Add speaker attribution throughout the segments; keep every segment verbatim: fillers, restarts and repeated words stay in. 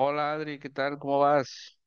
Speaker 1: Hola Adri, ¿qué tal? ¿Cómo vas?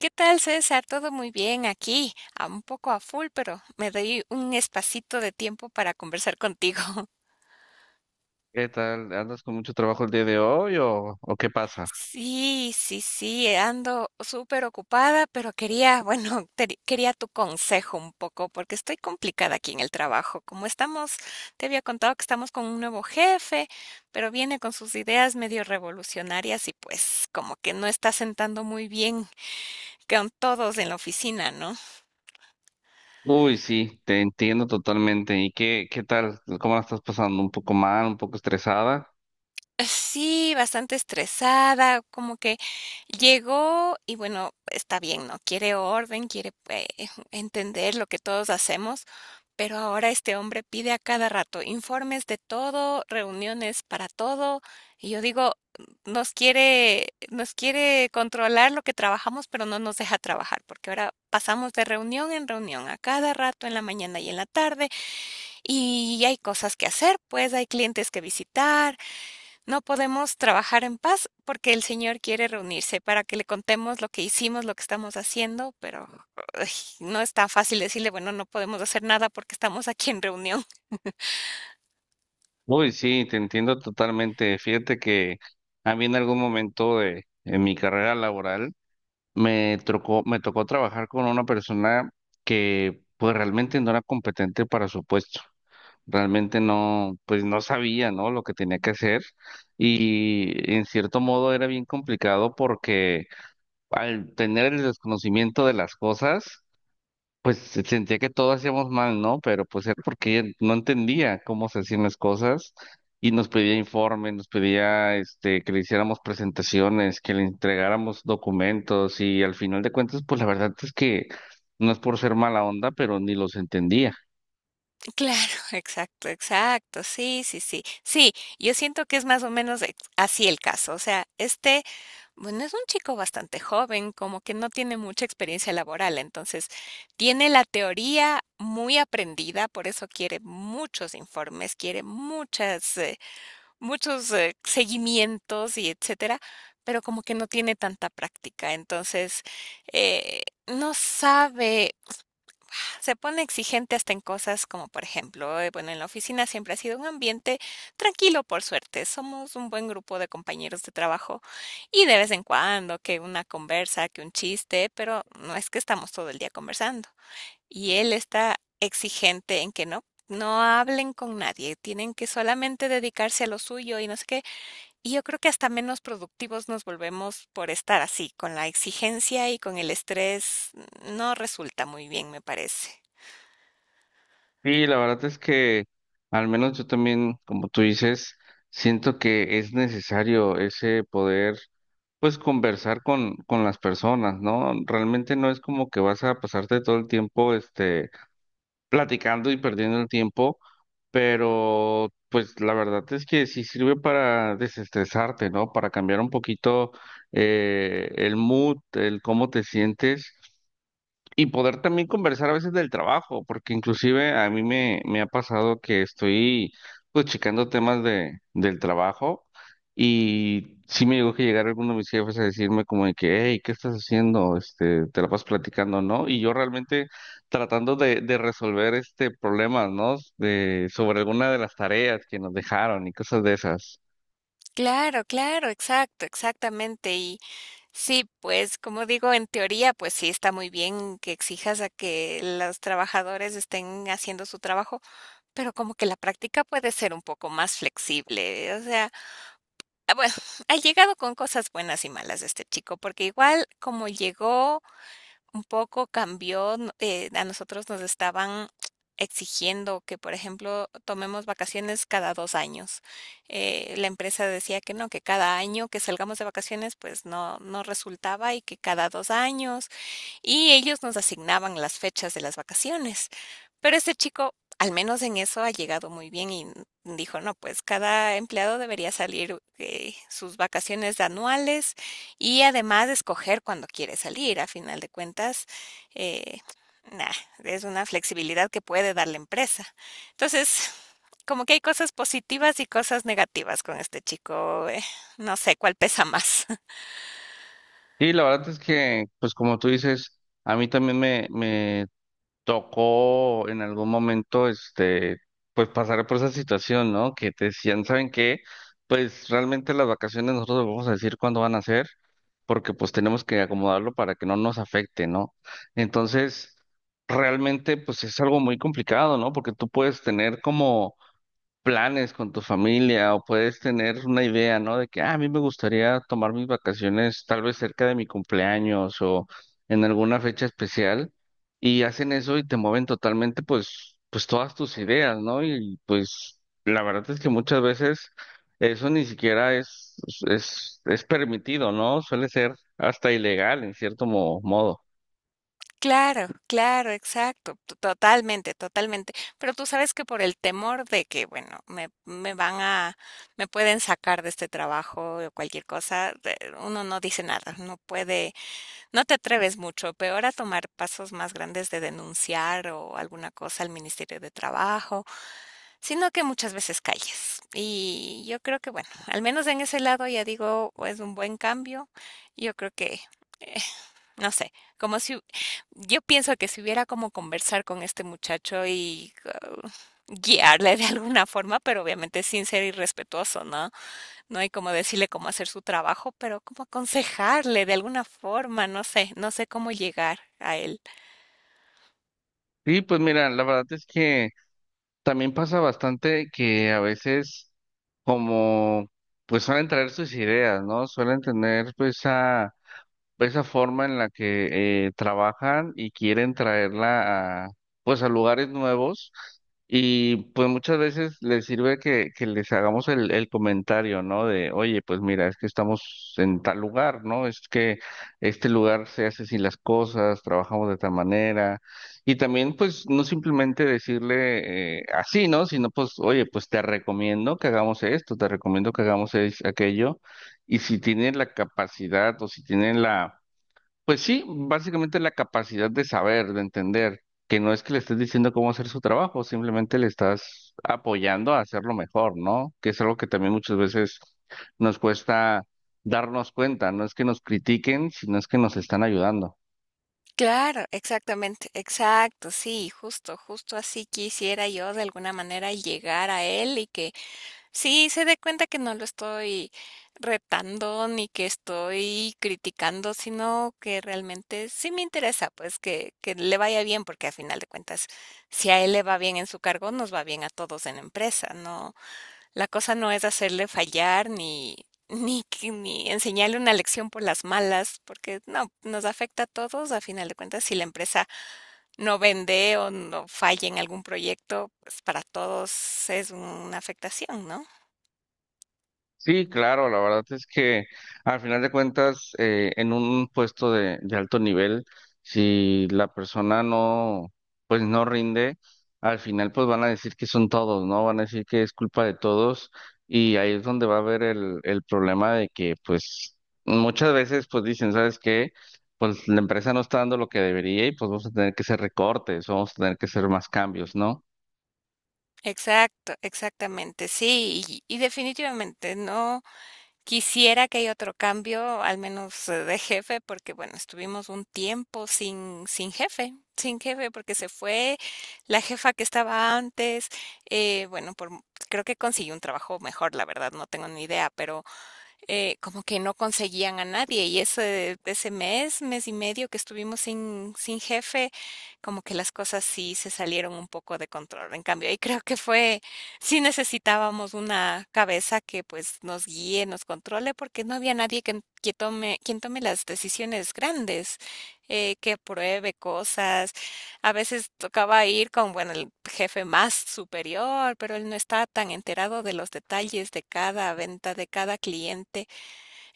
Speaker 2: ¿Qué tal, César? Todo muy bien aquí, a un poco a full, pero me doy un espacito de tiempo para conversar contigo.
Speaker 1: ¿Qué tal? ¿Andas con mucho trabajo el día de hoy o, o qué pasa?
Speaker 2: Sí, sí, sí, ando súper ocupada, pero quería, bueno, te- quería tu consejo un poco, porque estoy complicada aquí en el trabajo. Como estamos, te había contado que estamos con un nuevo jefe, pero viene con sus ideas medio revolucionarias y pues como que no está sentando muy bien con todos en la oficina, ¿no?
Speaker 1: Uy, sí, te entiendo totalmente. ¿Y qué, qué tal? ¿Cómo la estás pasando? ¿Un poco mal? ¿Un poco estresada?
Speaker 2: Sí, bastante estresada, como que llegó y bueno, está bien, ¿no? Quiere orden, quiere eh, entender lo que todos hacemos, pero ahora este hombre pide a cada rato informes de todo, reuniones para todo, y yo digo, nos quiere, nos quiere controlar lo que trabajamos, pero no nos deja trabajar, porque ahora pasamos de reunión en reunión a cada rato en la mañana y en la tarde, y hay cosas que hacer, pues hay clientes que visitar. No podemos trabajar en paz porque el Señor quiere reunirse para que le contemos lo que hicimos, lo que estamos haciendo, pero ay, no está fácil decirle, bueno, no podemos hacer nada porque estamos aquí en reunión.
Speaker 1: Uy, sí, te entiendo totalmente. Fíjate que a mí en algún momento de en mi carrera laboral me tocó, me tocó trabajar con una persona que pues realmente no era competente para su puesto. Realmente no, pues no sabía, ¿no? Lo que tenía que hacer y en cierto modo era bien complicado porque al tener el desconocimiento de las cosas, pues se- sentía que todo hacíamos mal, ¿no? Pero pues era porque ella no entendía cómo se hacían las cosas y nos pedía informes, nos pedía este que le hiciéramos presentaciones, que le entregáramos documentos y al final de cuentas, pues la verdad es que no es por ser mala onda, pero ni los entendía.
Speaker 2: Claro, exacto, exacto, sí, sí, sí. Sí, yo siento que es más o menos ex- así el caso. O sea, este, bueno, es un chico bastante joven, como que no tiene mucha experiencia laboral, entonces tiene la teoría muy aprendida, por eso quiere muchos informes, quiere muchas... eh, muchos, eh, seguimientos y etcétera, pero como que no tiene tanta práctica. Entonces, eh, no sabe, se pone exigente hasta en cosas como, por ejemplo, eh, bueno, en la oficina siempre ha sido un ambiente tranquilo, por suerte. Somos un buen grupo de compañeros de trabajo y de vez en cuando que una conversa, que un chiste, pero no es que estamos todo el día conversando. Y él está exigente en que no. No hablen con nadie, tienen que solamente dedicarse a lo suyo y no sé qué. Y yo creo que hasta menos productivos nos volvemos por estar así, con la exigencia y con el estrés no resulta muy bien, me parece.
Speaker 1: Sí, la verdad es que al menos yo también, como tú dices, siento que es necesario ese poder, pues conversar con, con las personas, ¿no? Realmente no es como que vas a pasarte todo el tiempo, este, platicando y perdiendo el tiempo, pero pues la verdad es que sí sirve para desestresarte, ¿no? Para cambiar un poquito eh, el mood, el cómo te sientes. Y poder también conversar a veces del trabajo, porque inclusive a mí me, me ha pasado que estoy pues checando temas de, del trabajo y sí me llegó que llegar alguno de mis jefes a decirme como de que, hey, ¿qué estás haciendo? Este, te la vas platicando, ¿no? Y yo realmente tratando de, de resolver este problema, ¿no? De, sobre alguna de las tareas que nos dejaron y cosas de esas.
Speaker 2: Claro, claro, exacto, exactamente. Y sí, pues como digo, en teoría, pues sí está muy bien que exijas a que los trabajadores estén haciendo su trabajo, pero como que la práctica puede ser un poco más flexible. O sea, ah, bueno, ha llegado con cosas buenas y malas este chico, porque igual como llegó un poco cambió, n eh, a nosotros nos estaban exigiendo que, por ejemplo, tomemos vacaciones cada dos años. Eh, la empresa decía que no, que cada año que salgamos de vacaciones, pues no no resultaba y que cada dos años, y ellos nos asignaban las fechas de las vacaciones. Pero este chico, al menos en eso, ha llegado muy bien y dijo, no, pues cada empleado debería salir eh, sus vacaciones anuales y además escoger cuando quiere salir. A final de cuentas, eh, nah, es una flexibilidad que puede dar la empresa. Entonces, como que hay cosas positivas y cosas negativas con este chico. Eh, no sé cuál pesa más.
Speaker 1: Y la verdad es que, pues como tú dices, a mí también me me tocó en algún momento, este, pues pasar por esa situación, ¿no? Que te decían, ¿saben qué? Pues realmente las vacaciones nosotros les vamos a decir cuándo van a ser, porque pues tenemos que acomodarlo para que no nos afecte, ¿no? Entonces, realmente pues es algo muy complicado, ¿no? Porque tú puedes tener como planes con tu familia o puedes tener una idea, ¿no? De que "Ah, a mí me gustaría tomar mis vacaciones tal vez cerca de mi cumpleaños o en alguna fecha especial y hacen eso y te mueven totalmente pues pues todas tus ideas, ¿no? Y pues la verdad es que muchas veces eso ni siquiera es es es permitido, ¿no? Suele ser hasta ilegal en cierto mo- modo.
Speaker 2: Claro, claro, exacto, to totalmente, totalmente. Pero tú sabes que por el temor de que, bueno, me me van a me pueden sacar de este trabajo o cualquier cosa, de uno no dice nada, no puede, no te atreves mucho, peor a tomar pasos más grandes de denunciar o alguna cosa al Ministerio de Trabajo, sino que muchas veces calles. Y yo creo que, bueno, al menos en ese lado ya digo, es un buen cambio. Yo creo que eh, no sé, como si yo pienso que si hubiera como conversar con este muchacho y uh, guiarle de alguna forma, pero obviamente sin ser irrespetuoso, ¿no? No hay como decirle cómo hacer su trabajo, pero como aconsejarle de alguna forma, no sé, no sé cómo llegar a él.
Speaker 1: Sí, pues mira, la verdad es que también pasa bastante que a veces como pues suelen traer sus ideas, ¿no? Suelen tener pues a esa forma en la que eh, trabajan y quieren traerla a, pues a lugares nuevos y pues muchas veces les sirve que, que les hagamos el, el comentario, ¿no? De, oye, pues mira, es que estamos en tal lugar, ¿no? Es que este lugar se hace así las cosas, trabajamos de tal manera y también pues no simplemente decirle eh, así, ¿no? Sino pues, oye, pues te recomiendo que hagamos esto, te recomiendo que hagamos es- aquello y si tienen la capacidad o si tienen la pues sí, básicamente la capacidad de saber, de entender, que no es que le estés diciendo cómo hacer su trabajo, simplemente le estás apoyando a hacerlo mejor, ¿no? Que es algo que también muchas veces nos cuesta darnos cuenta, no es que nos critiquen, sino es que nos están ayudando.
Speaker 2: Claro, exactamente, exacto, sí, justo, justo así quisiera yo de alguna manera llegar a él y que sí, se dé cuenta que no lo estoy retando ni que estoy criticando, sino que realmente sí me interesa, pues que, que le vaya bien, porque a final de cuentas, si a él le va bien en su cargo, nos va bien a todos en la empresa, ¿no? La cosa no es hacerle fallar ni, ni, que- ni enseñarle una lección por las malas, porque no, nos afecta a todos, a final de cuentas, si la empresa no vende o no falla en algún proyecto, pues para todos es una afectación, ¿no?
Speaker 1: Sí, claro, la verdad es que al final de cuentas, eh, en un puesto de, de alto nivel, si la persona no, pues no rinde, al final pues van a decir que son todos, ¿no? Van a decir que es culpa de todos y ahí es donde va a haber el, el problema de que pues muchas veces pues dicen, ¿sabes qué? Pues la empresa no está dando lo que debería y pues vamos a tener que hacer recortes, vamos a tener que hacer más cambios, ¿no?
Speaker 2: Exacto, exactamente, sí, y, y definitivamente no quisiera que haya otro cambio, al menos eh, de jefe, porque bueno, estuvimos un tiempo sin, sin jefe, sin jefe, porque se fue la jefa que estaba antes, eh, bueno, por, creo que consiguió un trabajo mejor, la verdad, no tengo ni idea, pero eh, como que no conseguían a nadie y ese, ese mes, mes y medio que estuvimos sin, sin jefe, como que las cosas sí se salieron un poco de control. En cambio, ahí creo que fue, sí necesitábamos una cabeza que pues nos guíe, nos controle, porque no había nadie que, que tome, quien tome las decisiones grandes, eh, que apruebe cosas. A veces tocaba ir con, bueno, el jefe más superior, pero él no está tan enterado de los detalles de cada venta, de cada cliente.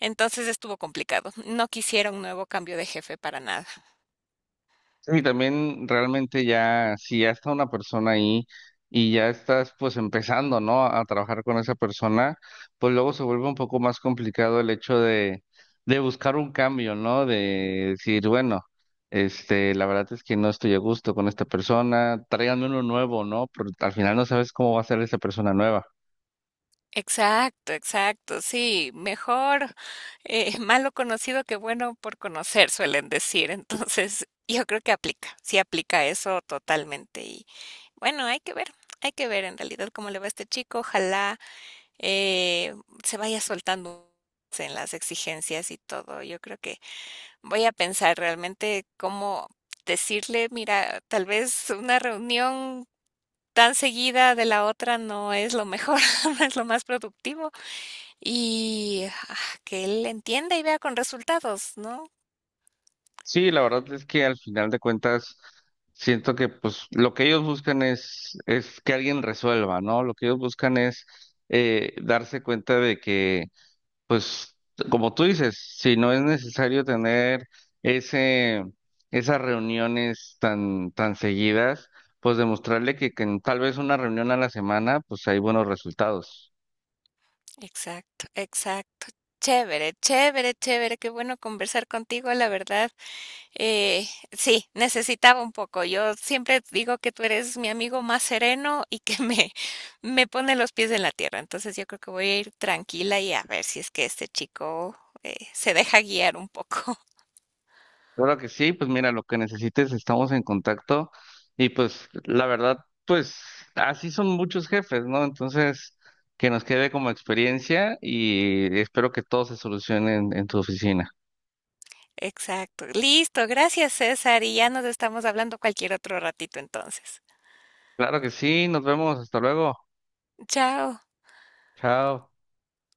Speaker 2: Entonces estuvo complicado. No quisiera un nuevo cambio de jefe para nada.
Speaker 1: Sí, también realmente ya, si ya está una persona ahí y ya estás pues empezando, ¿no? A trabajar con esa persona, pues luego se vuelve un poco más complicado el hecho de, de buscar un cambio, ¿no? De decir, bueno, este, la verdad es que no estoy a gusto con esta persona, tráiganme uno nuevo, ¿no? Pero al final no sabes cómo va a ser esa persona nueva.
Speaker 2: Exacto, exacto. Sí, mejor eh, malo conocido que bueno por conocer, suelen decir. Entonces, yo creo que aplica, sí aplica eso totalmente. Y bueno, hay que ver, hay que ver en realidad cómo le va a este chico. Ojalá eh, se vaya soltando en las exigencias y todo. Yo creo que voy a pensar realmente cómo decirle, mira, tal vez una reunión tan seguida de la otra no es lo mejor, no es lo más productivo. Y ah, que él entienda y vea con resultados, ¿no?
Speaker 1: Sí, la verdad es que al final de cuentas siento que pues lo que ellos buscan es, es que alguien resuelva, ¿no? Lo que ellos buscan es eh, darse cuenta de que pues como tú dices, si no es necesario tener ese, esas reuniones tan, tan seguidas, pues demostrarle que, que en tal vez una reunión a la semana pues hay buenos resultados.
Speaker 2: Exacto, exacto. Chévere, chévere, chévere, qué bueno conversar contigo, la verdad. Eh, sí, necesitaba un poco. Yo siempre digo que tú eres mi amigo más sereno y que me, me pone los pies en la tierra. Entonces yo creo que voy a ir tranquila y a ver si es que este chico eh, se deja guiar un poco.
Speaker 1: Claro que sí, pues mira, lo que necesites, estamos en contacto y pues la verdad, pues así son muchos jefes, ¿no? Entonces, que nos quede como experiencia y espero que todo se solucione en, en tu oficina.
Speaker 2: Exacto. Listo, gracias César, y ya nos estamos hablando cualquier otro ratito entonces.
Speaker 1: Claro que sí, nos vemos, hasta luego,
Speaker 2: Chao.
Speaker 1: chao.